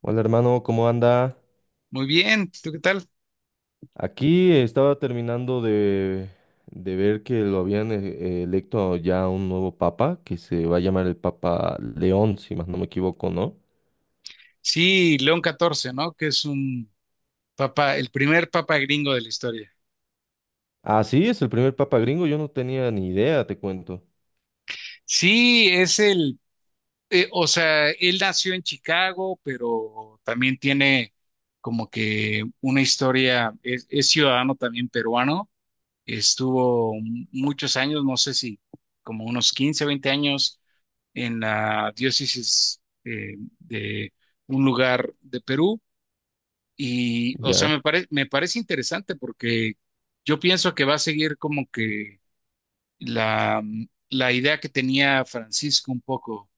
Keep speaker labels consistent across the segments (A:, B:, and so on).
A: Hola hermano, ¿cómo anda?
B: Muy bien, ¿tú qué tal?
A: Aquí estaba terminando de ver que lo habían electo ya un nuevo papa, que se va a llamar el Papa León, si más no me equivoco, ¿no?
B: Sí, León XIV, ¿no? Que es un papa, el primer papa gringo de la historia.
A: Ah, sí, es el primer papa gringo, yo no tenía ni idea, te cuento.
B: Sí, es el, o sea, él nació en Chicago, pero también tiene como que una historia, es ciudadano también peruano, estuvo muchos años, no sé si como unos 15, 20 años en la diócesis de un lugar de Perú. Y o sea,
A: Ya.
B: me parece interesante porque yo pienso que va a seguir como que la, la idea que tenía Francisco un poco,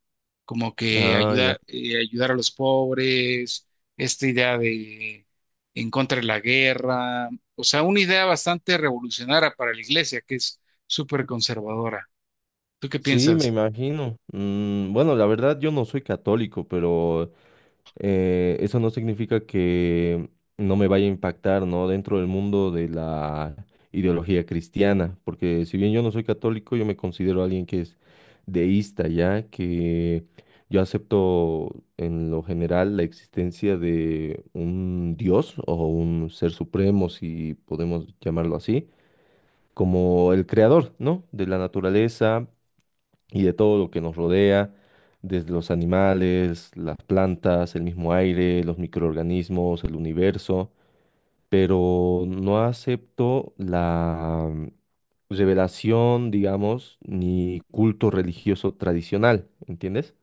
B: como que
A: Ah, ya.
B: ayuda, ayudar a los pobres, esta idea de en contra de la guerra, o sea, una idea bastante revolucionaria para la iglesia, que es súper conservadora. ¿Tú qué
A: Sí, me
B: piensas?
A: imagino. Mm, bueno, la verdad yo no soy católico, pero eso no significa que no me vaya a impactar, ¿no? Dentro del mundo de la ideología cristiana, porque si bien yo no soy católico, yo me considero alguien que es deísta, ¿ya? Que yo acepto en lo general la existencia de un Dios o un ser supremo, si podemos llamarlo así, como el creador, ¿no? De la naturaleza y de todo lo que nos rodea, desde los animales, las plantas, el mismo aire, los microorganismos, el universo, pero no acepto la revelación, digamos, ni culto religioso tradicional, ¿entiendes?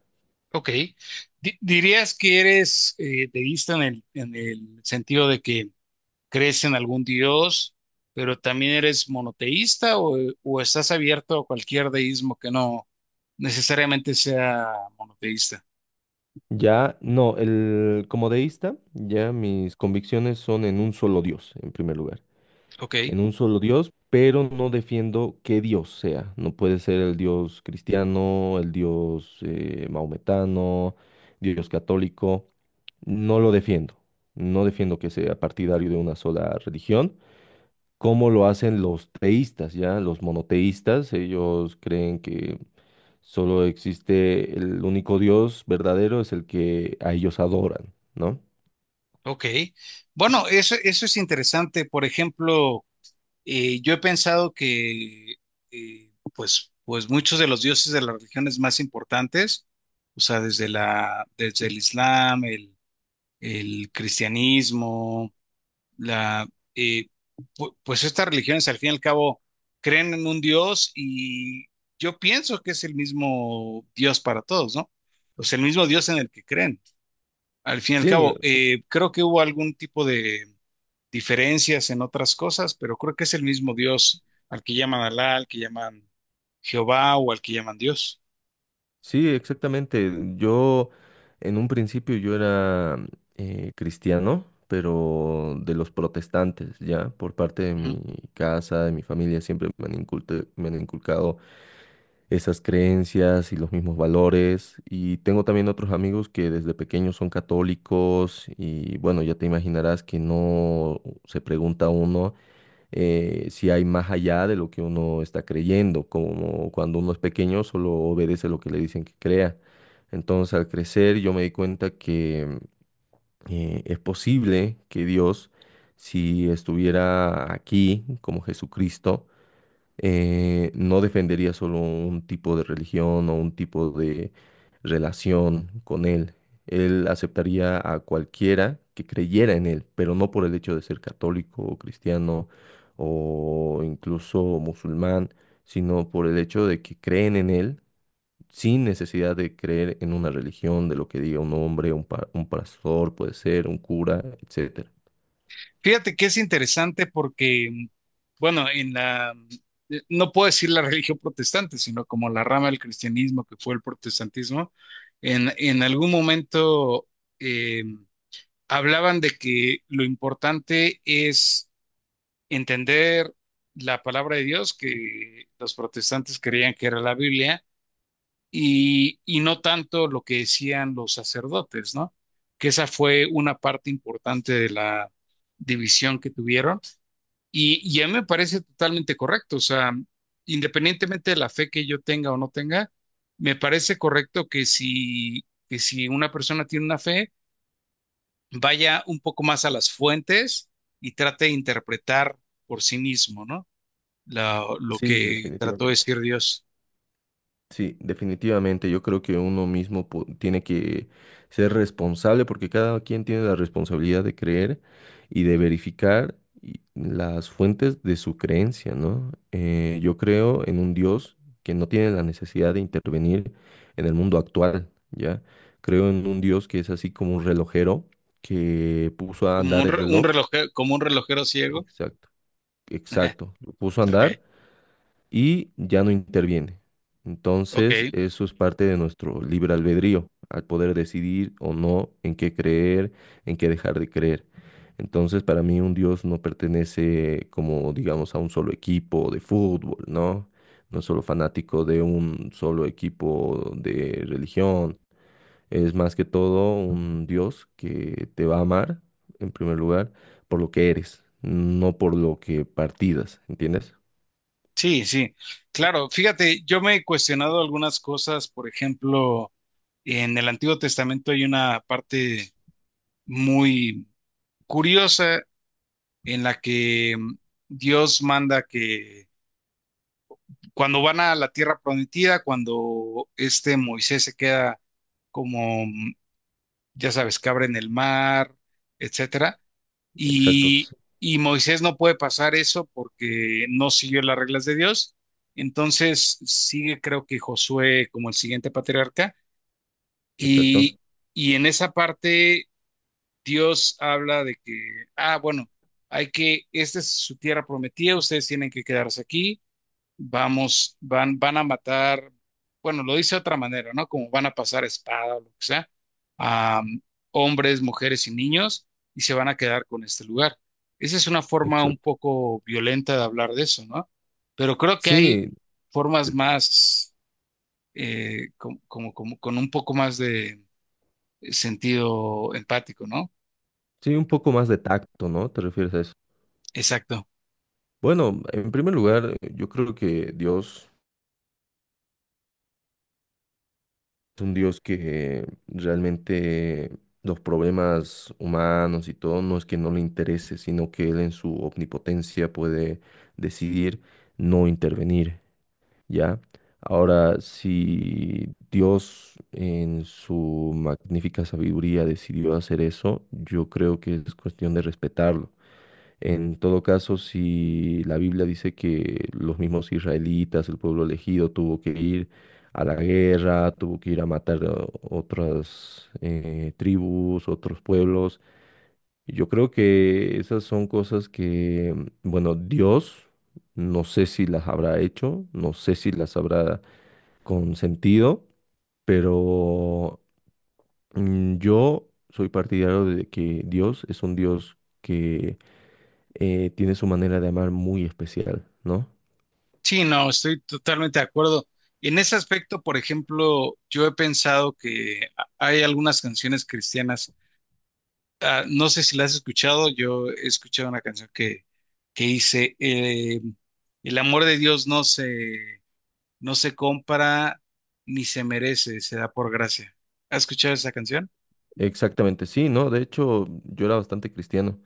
B: Ok. ¿Dirías que eres deísta en en el sentido de que crees en algún dios, pero también eres monoteísta, o estás abierto a cualquier deísmo que no necesariamente sea monoteísta.
A: Ya, no, el, como deísta, ya mis convicciones son en un solo Dios, en primer lugar.
B: Ok,
A: En un solo Dios, pero no defiendo qué Dios sea. No puede ser el Dios cristiano, el Dios maometano, Dios católico. No lo defiendo. No defiendo que sea partidario de una sola religión, como lo hacen los teístas, ¿ya? Los monoteístas, ellos creen que solo existe el único Dios verdadero, es el que a ellos adoran, ¿no?
B: ok. Bueno, eso es interesante. Por ejemplo, yo he pensado que, pues muchos de los dioses de las religiones más importantes, o sea, desde desde el Islam, el cristianismo, la, eh, pues estas religiones al fin y al cabo creen en un Dios y yo pienso que es el mismo Dios para todos, ¿no? Pues el mismo Dios en el que creen. Al fin y al
A: Sí,
B: cabo, creo que hubo algún tipo de diferencias en otras cosas, pero creo que es el mismo Dios al que llaman Alá, al que llaman Jehová o al que llaman Dios.
A: sí, exactamente. Yo en un principio yo era cristiano, pero de los protestantes, ya, por parte de
B: Ujú.
A: mi casa, de mi familia, siempre me han inculcado esas creencias y los mismos valores. Y tengo también otros amigos que desde pequeños son católicos y bueno, ya te imaginarás que no se pregunta uno si hay más allá de lo que uno está creyendo, como cuando uno es pequeño solo obedece lo que le dicen que crea. Entonces al crecer yo me di cuenta que es posible que Dios, si estuviera aquí como Jesucristo, no defendería solo un tipo de religión o un tipo de relación con él. Él aceptaría a cualquiera que creyera en él, pero no por el hecho de ser católico o cristiano o incluso musulmán, sino por el hecho de que creen en él sin necesidad de creer en una religión, de lo que diga un hombre, un pastor, puede ser, un cura, etcétera.
B: Fíjate que es interesante porque, bueno, en la, no puedo decir la religión protestante, sino como la rama del cristianismo que fue el protestantismo, en algún momento eh, hablaban de que lo importante es entender la palabra de Dios, que los protestantes creían que era la Biblia, y no tanto lo que decían los sacerdotes, ¿no? Que esa fue una parte importante de la división que tuvieron y a mí me parece totalmente correcto, o sea, independientemente de la fe que yo tenga o no tenga, me parece correcto que si una persona tiene una fe, vaya un poco más a las fuentes y trate de interpretar por sí mismo, ¿no? Lo
A: Sí,
B: que trató de
A: definitivamente.
B: decir Dios,
A: Sí, definitivamente. Yo creo que uno mismo tiene que ser responsable porque cada quien tiene la responsabilidad de creer y de verificar las fuentes de su creencia, ¿no? Yo creo en un Dios que no tiene la necesidad de intervenir en el mundo actual, ¿ya? Creo en un Dios que es así como un relojero que puso a
B: como
A: andar
B: un,
A: el reloj.
B: como un relojero ciego.
A: Exacto, exacto. Lo puso a
B: Ok,
A: andar y ya no interviene.
B: ok,
A: Entonces, eso es parte de nuestro libre albedrío, al poder decidir o no en qué creer, en qué dejar de creer. Entonces, para mí un Dios no pertenece como, digamos, a un solo equipo de fútbol, ¿no? No es solo fanático de un solo equipo de religión. Es más que todo un Dios que te va a amar, en primer lugar, por lo que eres, no por lo que partidas, ¿entiendes?
B: sí, sí. Claro, fíjate, yo me he cuestionado algunas cosas, por ejemplo, en el Antiguo Testamento hay una parte muy curiosa en la que mm, Dios manda que cuando van a la tierra prometida, cuando este Moisés se queda como, mm, ya sabes, cabra en el mar, etcétera, y,
A: Exactos,
B: y Moisés no puede pasar eso porque no siguió las reglas de Dios, entonces sigue creo que Josué como el siguiente patriarca,
A: exacto.
B: y, y en esa parte Dios habla de que, ah, bueno, hay que, esta es su tierra prometida, ustedes tienen que quedarse aquí, vamos, van a matar, bueno, lo dice de otra manera, ¿no? Como van a pasar espada o lo que sea, a hombres, mujeres y niños, y se van a quedar con este lugar. Esa es una forma un
A: Exacto.
B: poco violenta de hablar de eso, ¿no? Pero creo que hay
A: Sí,
B: formas
A: te-
B: más, como, con un poco más de sentido empático, ¿no?
A: sí, un poco más de tacto, ¿no? ¿Te refieres a eso?
B: Exacto.
A: Bueno, en primer lugar, yo creo que Dios es un Dios que realmente los problemas humanos y todo no es que no le interese, sino que Él en su omnipotencia puede decidir no intervenir, ¿ya? Ahora, si Dios en su magnífica sabiduría decidió hacer eso, yo creo que es cuestión de respetarlo. En todo caso, si la Biblia dice que los mismos israelitas, el pueblo elegido, tuvo que ir a la guerra, tuvo que ir a matar a otras tribus, otros pueblos, yo creo que esas son cosas que, bueno, Dios no sé si las habrá hecho, no sé si las habrá consentido, pero yo soy partidario de que Dios es un Dios que tiene su manera de amar muy especial, ¿no?
B: Sí, no, estoy totalmente de acuerdo. En ese aspecto, por ejemplo, yo he pensado que hay algunas canciones cristianas. Ah, no sé si las has escuchado, yo he escuchado una canción que dice, el amor de Dios no se compra ni se merece, se da por gracia. ¿Has escuchado esa canción?
A: Exactamente, sí, ¿no? De hecho, yo era bastante cristiano,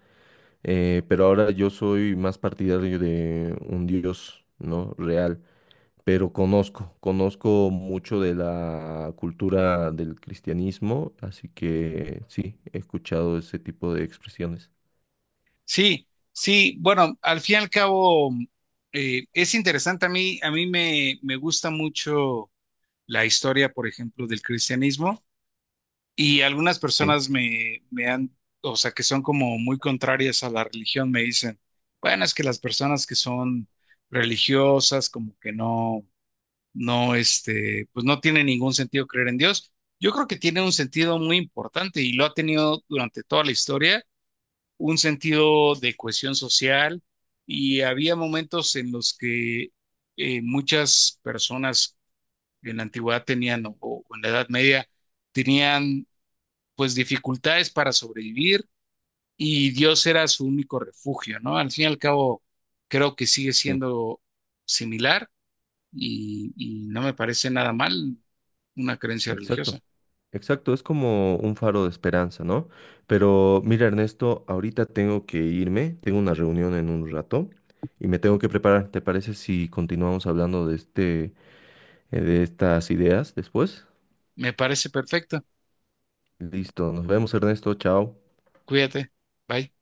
A: pero ahora yo soy más partidario de un Dios, ¿no? Real, pero conozco mucho de la cultura del cristianismo, así que sí, he escuchado ese tipo de expresiones.
B: Sí, sí, bueno, al fin y al cabo, es interesante. A mí me, me gusta mucho la historia, por ejemplo, del cristianismo. Y algunas
A: Sí,
B: personas me han, o sea, que son como muy contrarias a la religión, me dicen, bueno, es que las personas que son religiosas, como que no, no, este, pues no tiene ningún sentido creer en Dios. Yo creo que tiene un sentido muy importante y lo ha tenido durante toda la historia, un sentido de cohesión social y había momentos en los que muchas personas en la antigüedad tenían o en la Edad Media tenían pues dificultades para sobrevivir y Dios era su único refugio, ¿no? Al fin y al cabo, creo que sigue
A: sí,
B: siendo similar y no me parece nada mal una creencia
A: exacto.
B: religiosa.
A: Exacto, es como un faro de esperanza, ¿no? Pero mira, Ernesto, ahorita tengo que irme, tengo una reunión en un rato y me tengo que preparar. ¿Te parece si continuamos hablando de este, de estas ideas después?
B: Me parece perfecto.
A: Listo, nos vemos, Ernesto, chao.
B: Cuídate. Bye.